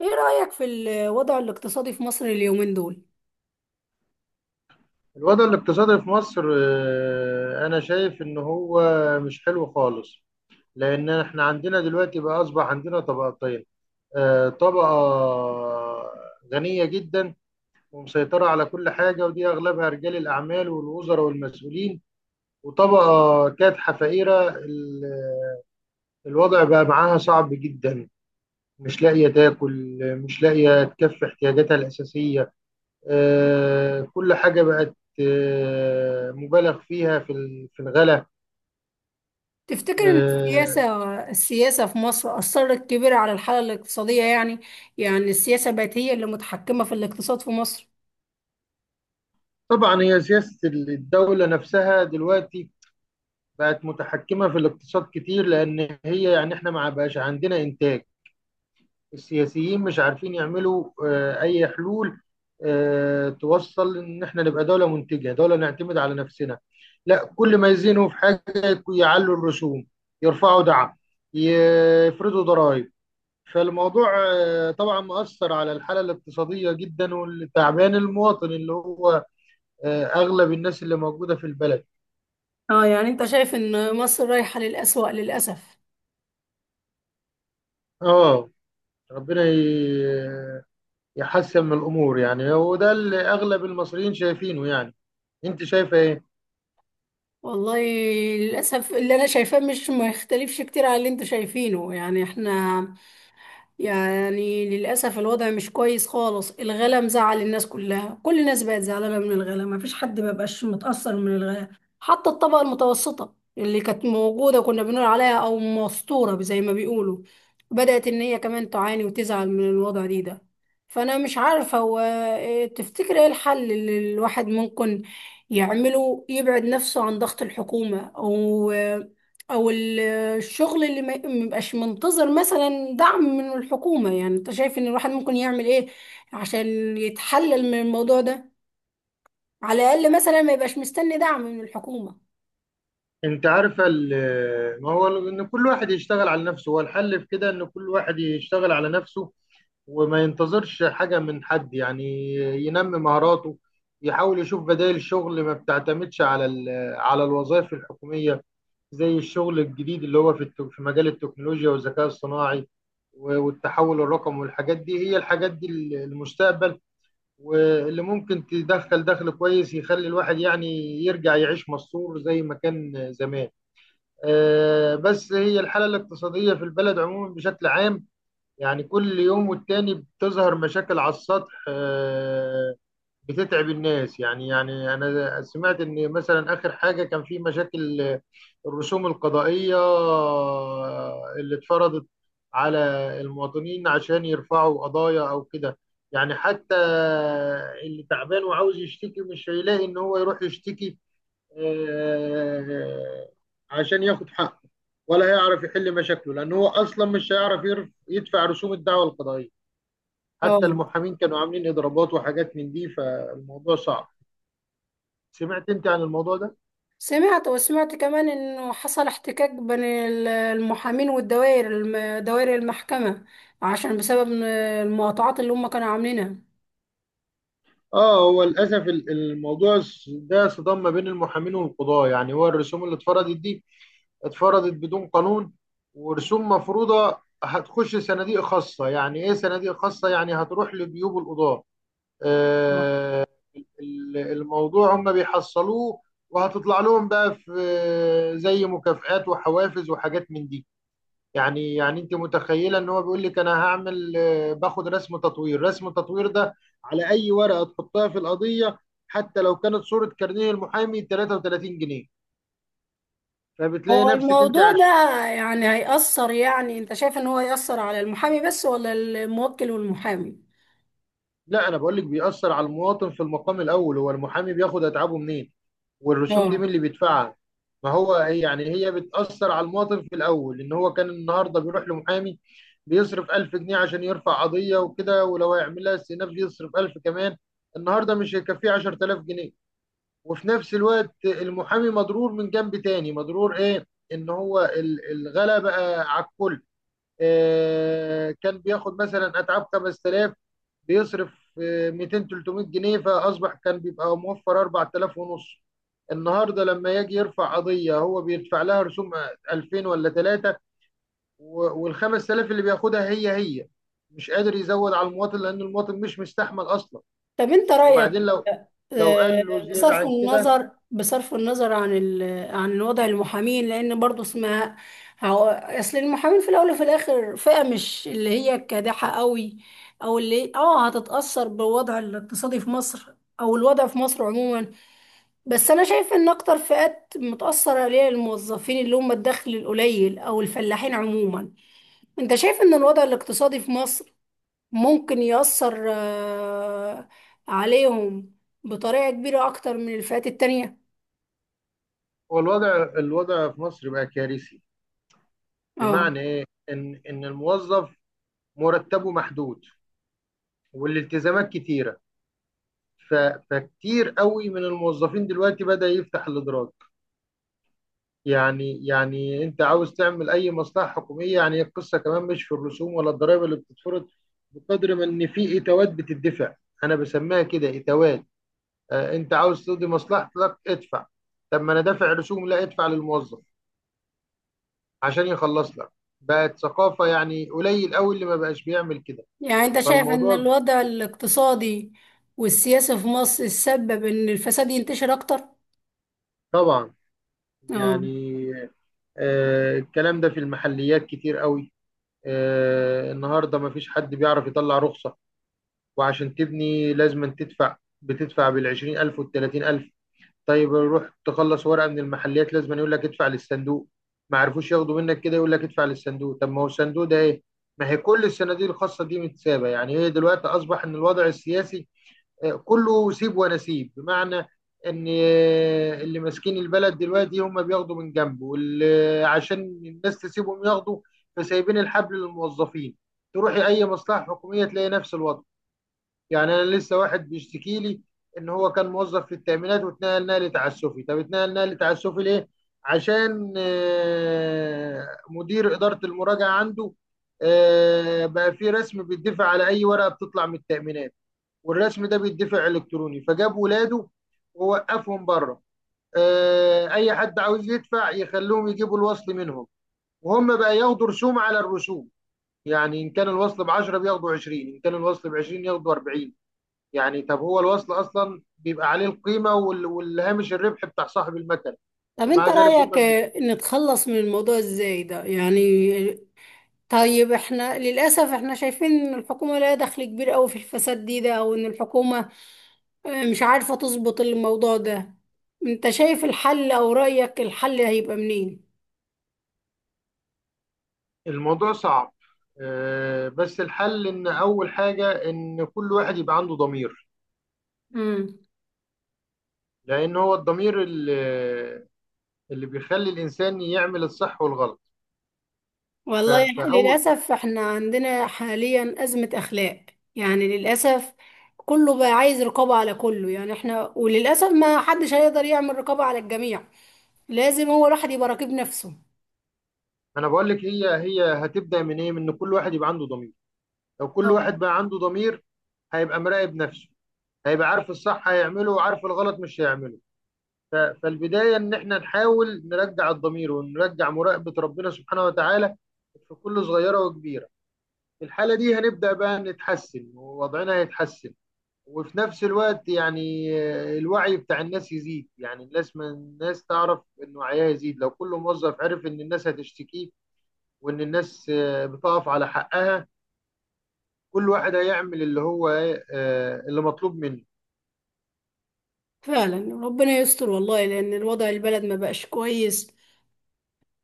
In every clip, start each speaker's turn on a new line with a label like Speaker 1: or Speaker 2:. Speaker 1: ايه رأيك في الوضع الاقتصادي في مصر اليومين دول؟
Speaker 2: الوضع الاقتصادي في مصر أنا شايف إن هو مش حلو خالص. لأن إحنا عندنا دلوقتي بقى أصبح عندنا طبقتين، طبقة غنية جدا ومسيطرة على كل حاجة، ودي أغلبها رجال الأعمال والوزراء والمسؤولين. وطبقة كادحة فقيرة الوضع بقى معاها صعب جدا، مش لاقية تاكل، مش لاقية تكفي احتياجاتها الأساسية. كل حاجة بقت مبالغ فيها في في الغلا.
Speaker 1: تفتكر ان
Speaker 2: آه،
Speaker 1: السياسة في مصر أثرت كبيرة على الحالة الاقتصادية يعني، يعني السياسة بقت هي اللي متحكمة في الاقتصاد في مصر؟
Speaker 2: طبعا هي سياسة الدولة نفسها دلوقتي بقت متحكمة في الاقتصاد كتير، لأن هي يعني احنا ما بقاش عندنا إنتاج. السياسيين مش عارفين يعملوا أي حلول توصل إن احنا نبقى دولة منتجة، دولة نعتمد على نفسنا. لا، كل ما يزينوا في حاجة يعلوا الرسوم، يرفعوا دعم، يفرضوا ضرائب. فالموضوع طبعا مؤثر على الحالة الاقتصادية جدا، والتعبان المواطن اللي هو أغلب الناس اللي موجودة في البلد.
Speaker 1: اه، يعني انت شايف ان مصر رايحة للأسوأ للأسف.
Speaker 2: اه، ربنا يحسن من الأمور، يعني. وده اللي أغلب المصريين شايفينه، يعني. أنت شايفة إيه؟
Speaker 1: والله، للأسف اللي انا شايفاه مش ما يختلفش كتير على اللي انتوا شايفينه، يعني احنا يعني للأسف الوضع مش كويس خالص، الغلا مزعل الناس كلها، كل الناس بقت زعلانة من الغلا، مفيش حد مبقاش متأثر من الغلا. حتى الطبقة المتوسطة اللي كانت موجودة كنا بنقول عليها أو مستورة زي ما بيقولوا، بدأت إن هي كمان تعاني وتزعل من الوضع دي ده. فأنا مش عارفة هو إيه، تفتكر إيه الحل اللي الواحد ممكن يعمله يبعد نفسه عن ضغط الحكومة، أو أو الشغل اللي ما يبقاش منتظر مثلا دعم من الحكومة؟ يعني انت شايف ان الواحد ممكن يعمل ايه عشان يتحلل من الموضوع ده، على الاقل مثلا ما يبقاش مستني دعم من الحكومة.
Speaker 2: انت عارف، ما هو ان كل واحد يشتغل على نفسه هو الحل. في كده ان كل واحد يشتغل على نفسه وما ينتظرش حاجة من حد، يعني ينمي مهاراته، يحاول يشوف بدائل شغل ما بتعتمدش على على الوظائف الحكومية، زي الشغل الجديد اللي هو في في مجال التكنولوجيا والذكاء الصناعي والتحول الرقمي والحاجات دي. هي الحاجات دي المستقبل، واللي ممكن تدخل دخل كويس يخلي الواحد يعني يرجع يعيش مستور زي ما كان زمان. بس هي الحالة الاقتصادية في البلد عموما بشكل عام، يعني كل يوم والتاني بتظهر مشاكل على السطح بتتعب الناس. يعني أنا سمعت إن مثلا آخر حاجة كان في مشاكل الرسوم القضائية اللي اتفرضت على المواطنين عشان يرفعوا قضايا أو كده. يعني حتى اللي تعبان وعاوز يشتكي مش هيلاقي إن هو يروح يشتكي آه، عشان ياخد حقه، ولا هيعرف يحل مشاكله، لأن هو أصلا مش هيعرف يدفع رسوم الدعوى القضائية. حتى
Speaker 1: اه.
Speaker 2: المحامين كانوا عاملين إضرابات وحاجات من دي. فالموضوع صعب. سمعت أنت عن الموضوع ده؟
Speaker 1: سمعت، وسمعت كمان انه حصل احتكاك بين المحامين والدوائر دوائر المحكمة، عشان بسبب إن المقاطعات اللي هم كانوا عاملينها.
Speaker 2: آه، هو للأسف الموضوع ده صدام ما بين المحامين والقضاة. يعني هو الرسوم اللي اتفرضت دي اتفرضت بدون قانون، ورسوم مفروضة هتخش صناديق خاصة. يعني إيه صناديق خاصة؟ يعني هتروح لجيوب القضاة.
Speaker 1: آه.
Speaker 2: آه، الموضوع هم بيحصلوه، وهتطلع لهم بقى في زي مكافآت وحوافز وحاجات من دي. يعني انت متخيله ان هو بيقول لك: انا هعمل، باخد رسم تطوير. رسم التطوير ده على اي ورقه تحطها في القضيه، حتى لو كانت صوره كارنيه المحامي، 33 جنيه. فبتلاقي
Speaker 1: هو
Speaker 2: نفسك انت...
Speaker 1: الموضوع ده يعني هيأثر، يعني انت شايف ان هو هيأثر على المحامي بس ولا الموكل والمحامي؟
Speaker 2: لا، انا بقول لك بيأثر على المواطن في المقام الاول. هو المحامي بياخد اتعابه منين؟ والرسوم دي
Speaker 1: اه.
Speaker 2: مين اللي بيدفعها؟ ما هو يعني هي بتأثر على المواطن في الاول. ان هو كان النهارده بيروح لمحامي بيصرف 1000 جنيه عشان يرفع قضية وكده، ولو هيعمل لها استئناف يصرف 1000 كمان. النهارده مش هيكفيه 10000 جنيه. وفي نفس الوقت المحامي مضرور من جنب تاني. مضرور ايه؟ ان هو الغلا بقى على الكل. كان بياخد مثلا اتعاب 5000، بيصرف 200 300 جنيه، فاصبح كان بيبقى موفر 4000 ونص. النهارده لما يجي يرفع قضيه هو بيدفع لها رسوم 2000 ولا 3. وال 5000 اللي بياخدها هي مش قادر يزود على المواطن، لان المواطن مش مستحمل اصلا.
Speaker 1: طب انت رأيك،
Speaker 2: وبعدين لو
Speaker 1: آه،
Speaker 2: قال له زياده
Speaker 1: بصرف
Speaker 2: عن كده...
Speaker 1: النظر، بصرف النظر عن ال... عن وضع المحامين، لان برضو اسمها هو- اصل المحامين في الاول وفي الاخر فئة مش اللي هي كادحة قوي، او اللي اه هتتأثر بالوضع الاقتصادي في مصر او الوضع في مصر عموما. بس انا شايف ان اكتر فئات متأثرة عليها الموظفين اللي هم الدخل القليل او الفلاحين عموما. انت شايف ان الوضع الاقتصادي في مصر ممكن يأثر عليهم بطريقة كبيرة أكتر من الفئات التانية؟
Speaker 2: هو الوضع في مصر بقى كارثي.
Speaker 1: اه،
Speaker 2: بمعنى ايه؟ ان الموظف مرتبه محدود والالتزامات كتيره. ف... فكتير قوي من الموظفين دلوقتي بدأ يفتح الإدراك. يعني أنت عاوز تعمل أي مصلحة حكومية. يعني القصة كمان مش في الرسوم ولا الضرائب اللي بتتفرض، بقدر ما إن في إتاوات بتدفع. أنا بسميها كده، إتاوات. أنت عاوز تقضي مصلحتك، ادفع. طب ما أنا دافع رسوم؟ لا، ادفع للموظف عشان يخلص لك. بقت ثقافة، يعني قليل قوي اللي ما بقاش بيعمل كده.
Speaker 1: يعني أنت شايف إن
Speaker 2: فالموضوع
Speaker 1: الوضع الاقتصادي والسياسي في مصر سبب إن الفساد ينتشر أكتر؟
Speaker 2: طبعا،
Speaker 1: اه.
Speaker 2: يعني الكلام ده في المحليات كتير قوي. النهارده مفيش حد بيعرف يطلع رخصة، وعشان تبني لازم أن تدفع. بتدفع بالعشرين ألف والتلاتين ألف. طيب روح تخلص ورقة من المحلات، لازم أن يقول لك ادفع للصندوق. ما عرفوش ياخدوا منك كده، يقول لك ادفع للصندوق. طب ما هو الصندوق ده ايه؟ ما هي كل الصناديق الخاصة دي متسابة. يعني هي دلوقتي أصبح إن الوضع السياسي كله سيب ونسيب. بمعنى ان، اللي ماسكين البلد دلوقتي هم بياخدوا من جنبه، واللي عشان الناس تسيبهم ياخدوا فسايبين الحبل للموظفين. تروحي اي مصلحه حكوميه تلاقي نفس الوضع. يعني انا لسه واحد بيشتكي لي ان هو كان موظف في التامينات واتنقل نقل تعسفي. طب اتنقل نقل تعسفي ليه؟ عشان مدير اداره المراجعه عنده بقى في رسم بيدفع على اي ورقه بتطلع من التامينات، والرسم ده بيدفع الكتروني. فجاب ولاده ووقفهم بره، اي حد عاوز يدفع يخلوهم يجيبوا الوصل منهم، وهم بقى ياخدوا رسوم على الرسوم. يعني ان كان الوصل ب 10 بياخدوا 20، ان كان الوصل ب 20 ياخدوا 40. يعني طب هو الوصل اصلا بيبقى عليه القيمه والهامش الربح بتاع صاحب المكن.
Speaker 1: طب
Speaker 2: ومع
Speaker 1: أنت
Speaker 2: ذلك هم
Speaker 1: رأيك،
Speaker 2: بي...
Speaker 1: نتخلص من الموضوع إزاي ده؟ يعني طيب احنا للأسف، احنا شايفين ان الحكومة لها دخل كبير قوي في الفساد دي ده، او ان الحكومة مش عارفة تظبط الموضوع ده. انت شايف الحل او رأيك الحل هيبقى منين؟
Speaker 2: الموضوع صعب. بس الحل ان اول حاجه ان كل واحد يبقى عنده ضمير.
Speaker 1: امم
Speaker 2: لان هو الضمير، اللي بيخلي الانسان يعمل الصح والغلط. ف...
Speaker 1: والله،
Speaker 2: فاول
Speaker 1: للأسف احنا عندنا حاليا أزمة أخلاق، يعني للأسف كله بقى عايز رقابة على كله، يعني احنا وللأسف ما حدش هيقدر يعمل رقابة على الجميع، لازم هو الواحد يبقى راقب نفسه.
Speaker 2: انا بقول لك هي هتبدا من ايه؟ من ان كل واحد يبقى عنده ضمير. لو كل
Speaker 1: أو-
Speaker 2: واحد بقى عنده ضمير هيبقى مراقب نفسه، هيبقى عارف الصح هيعمله وعارف الغلط مش هيعمله. فالبدايه ان احنا نحاول نرجع الضمير ونرجع مراقبه ربنا سبحانه وتعالى في كل صغيره وكبيره. في الحاله دي هنبدا بقى نتحسن ووضعنا هيتحسن. وفي نفس الوقت يعني الوعي بتاع الناس يزيد. يعني الناس، ما الناس تعرف ان وعيها يزيد، لو كل موظف عرف ان الناس هتشتكي وان الناس بتقف على حقها، كل واحد هيعمل اللي هو اللي مطلوب منه.
Speaker 1: فعلا ربنا يستر والله، لأن الوضع البلد ما بقاش كويس.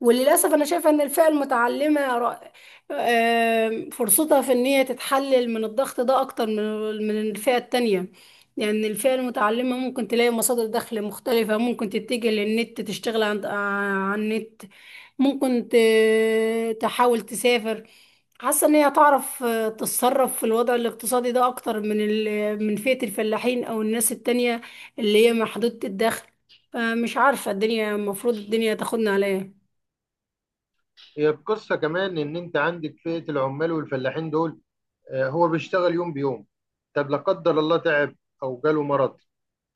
Speaker 1: وللأسف أنا شايفة إن الفئة المتعلمة را- آم، فرصتها في إن هي تتحلل من الضغط ده أكتر من الفئة التانية. يعني الفئة المتعلمة ممكن تلاقي مصادر دخل مختلفة، ممكن تتجه للنت تشتغل على النت، ممكن تحاول تسافر. حاسة إن هي تعرف تتصرف في الوضع الاقتصادي ده أكتر من من فئة الفلاحين أو الناس التانية اللي هي محدودة الدخل. فمش عارفة الدنيا المفروض الدنيا تاخدنا على ايه.
Speaker 2: هي القصة كمان ان انت عندك فئة العمال والفلاحين دول. هو بيشتغل يوم بيوم. طب لا قدر الله تعب، او جاله مرض،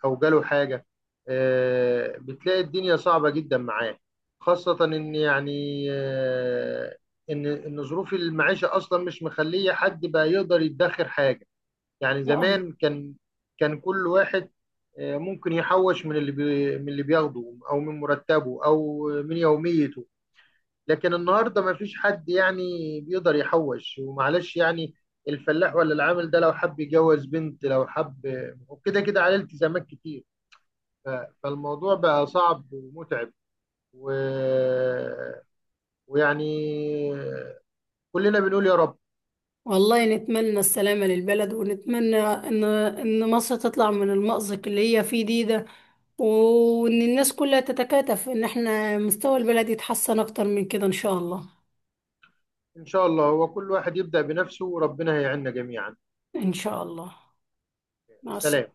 Speaker 2: او جاله حاجه، بتلاقي الدنيا صعبه جدا معاه. خاصه ان يعني، ان ظروف المعيشه اصلا مش مخليه حد بقى يقدر يدخر حاجه. يعني
Speaker 1: اه،
Speaker 2: زمان كان، كل واحد ممكن يحوش من اللي من اللي بياخده او من مرتبه او من يوميته. لكن النهارده ما فيش حد يعني بيقدر يحوش. ومعلش، يعني الفلاح ولا العامل ده لو حب يجوز بنت، لو حب، وكده كده عليه التزامات كتير. ف- فالموضوع بقى صعب ومتعب و... ويعني كلنا بنقول يا رب.
Speaker 1: والله نتمنى السلامة للبلد، ونتمنى ان مصر تطلع من المأزق اللي هي فيه دي ده، وان الناس كلها تتكاتف ان احنا مستوى البلد يتحسن اكتر من كده ان شاء الله.
Speaker 2: إن شاء الله هو كل واحد يبدأ بنفسه، وربنا هيعيننا جميعا.
Speaker 1: ان شاء الله. مع السلامة.
Speaker 2: سلام.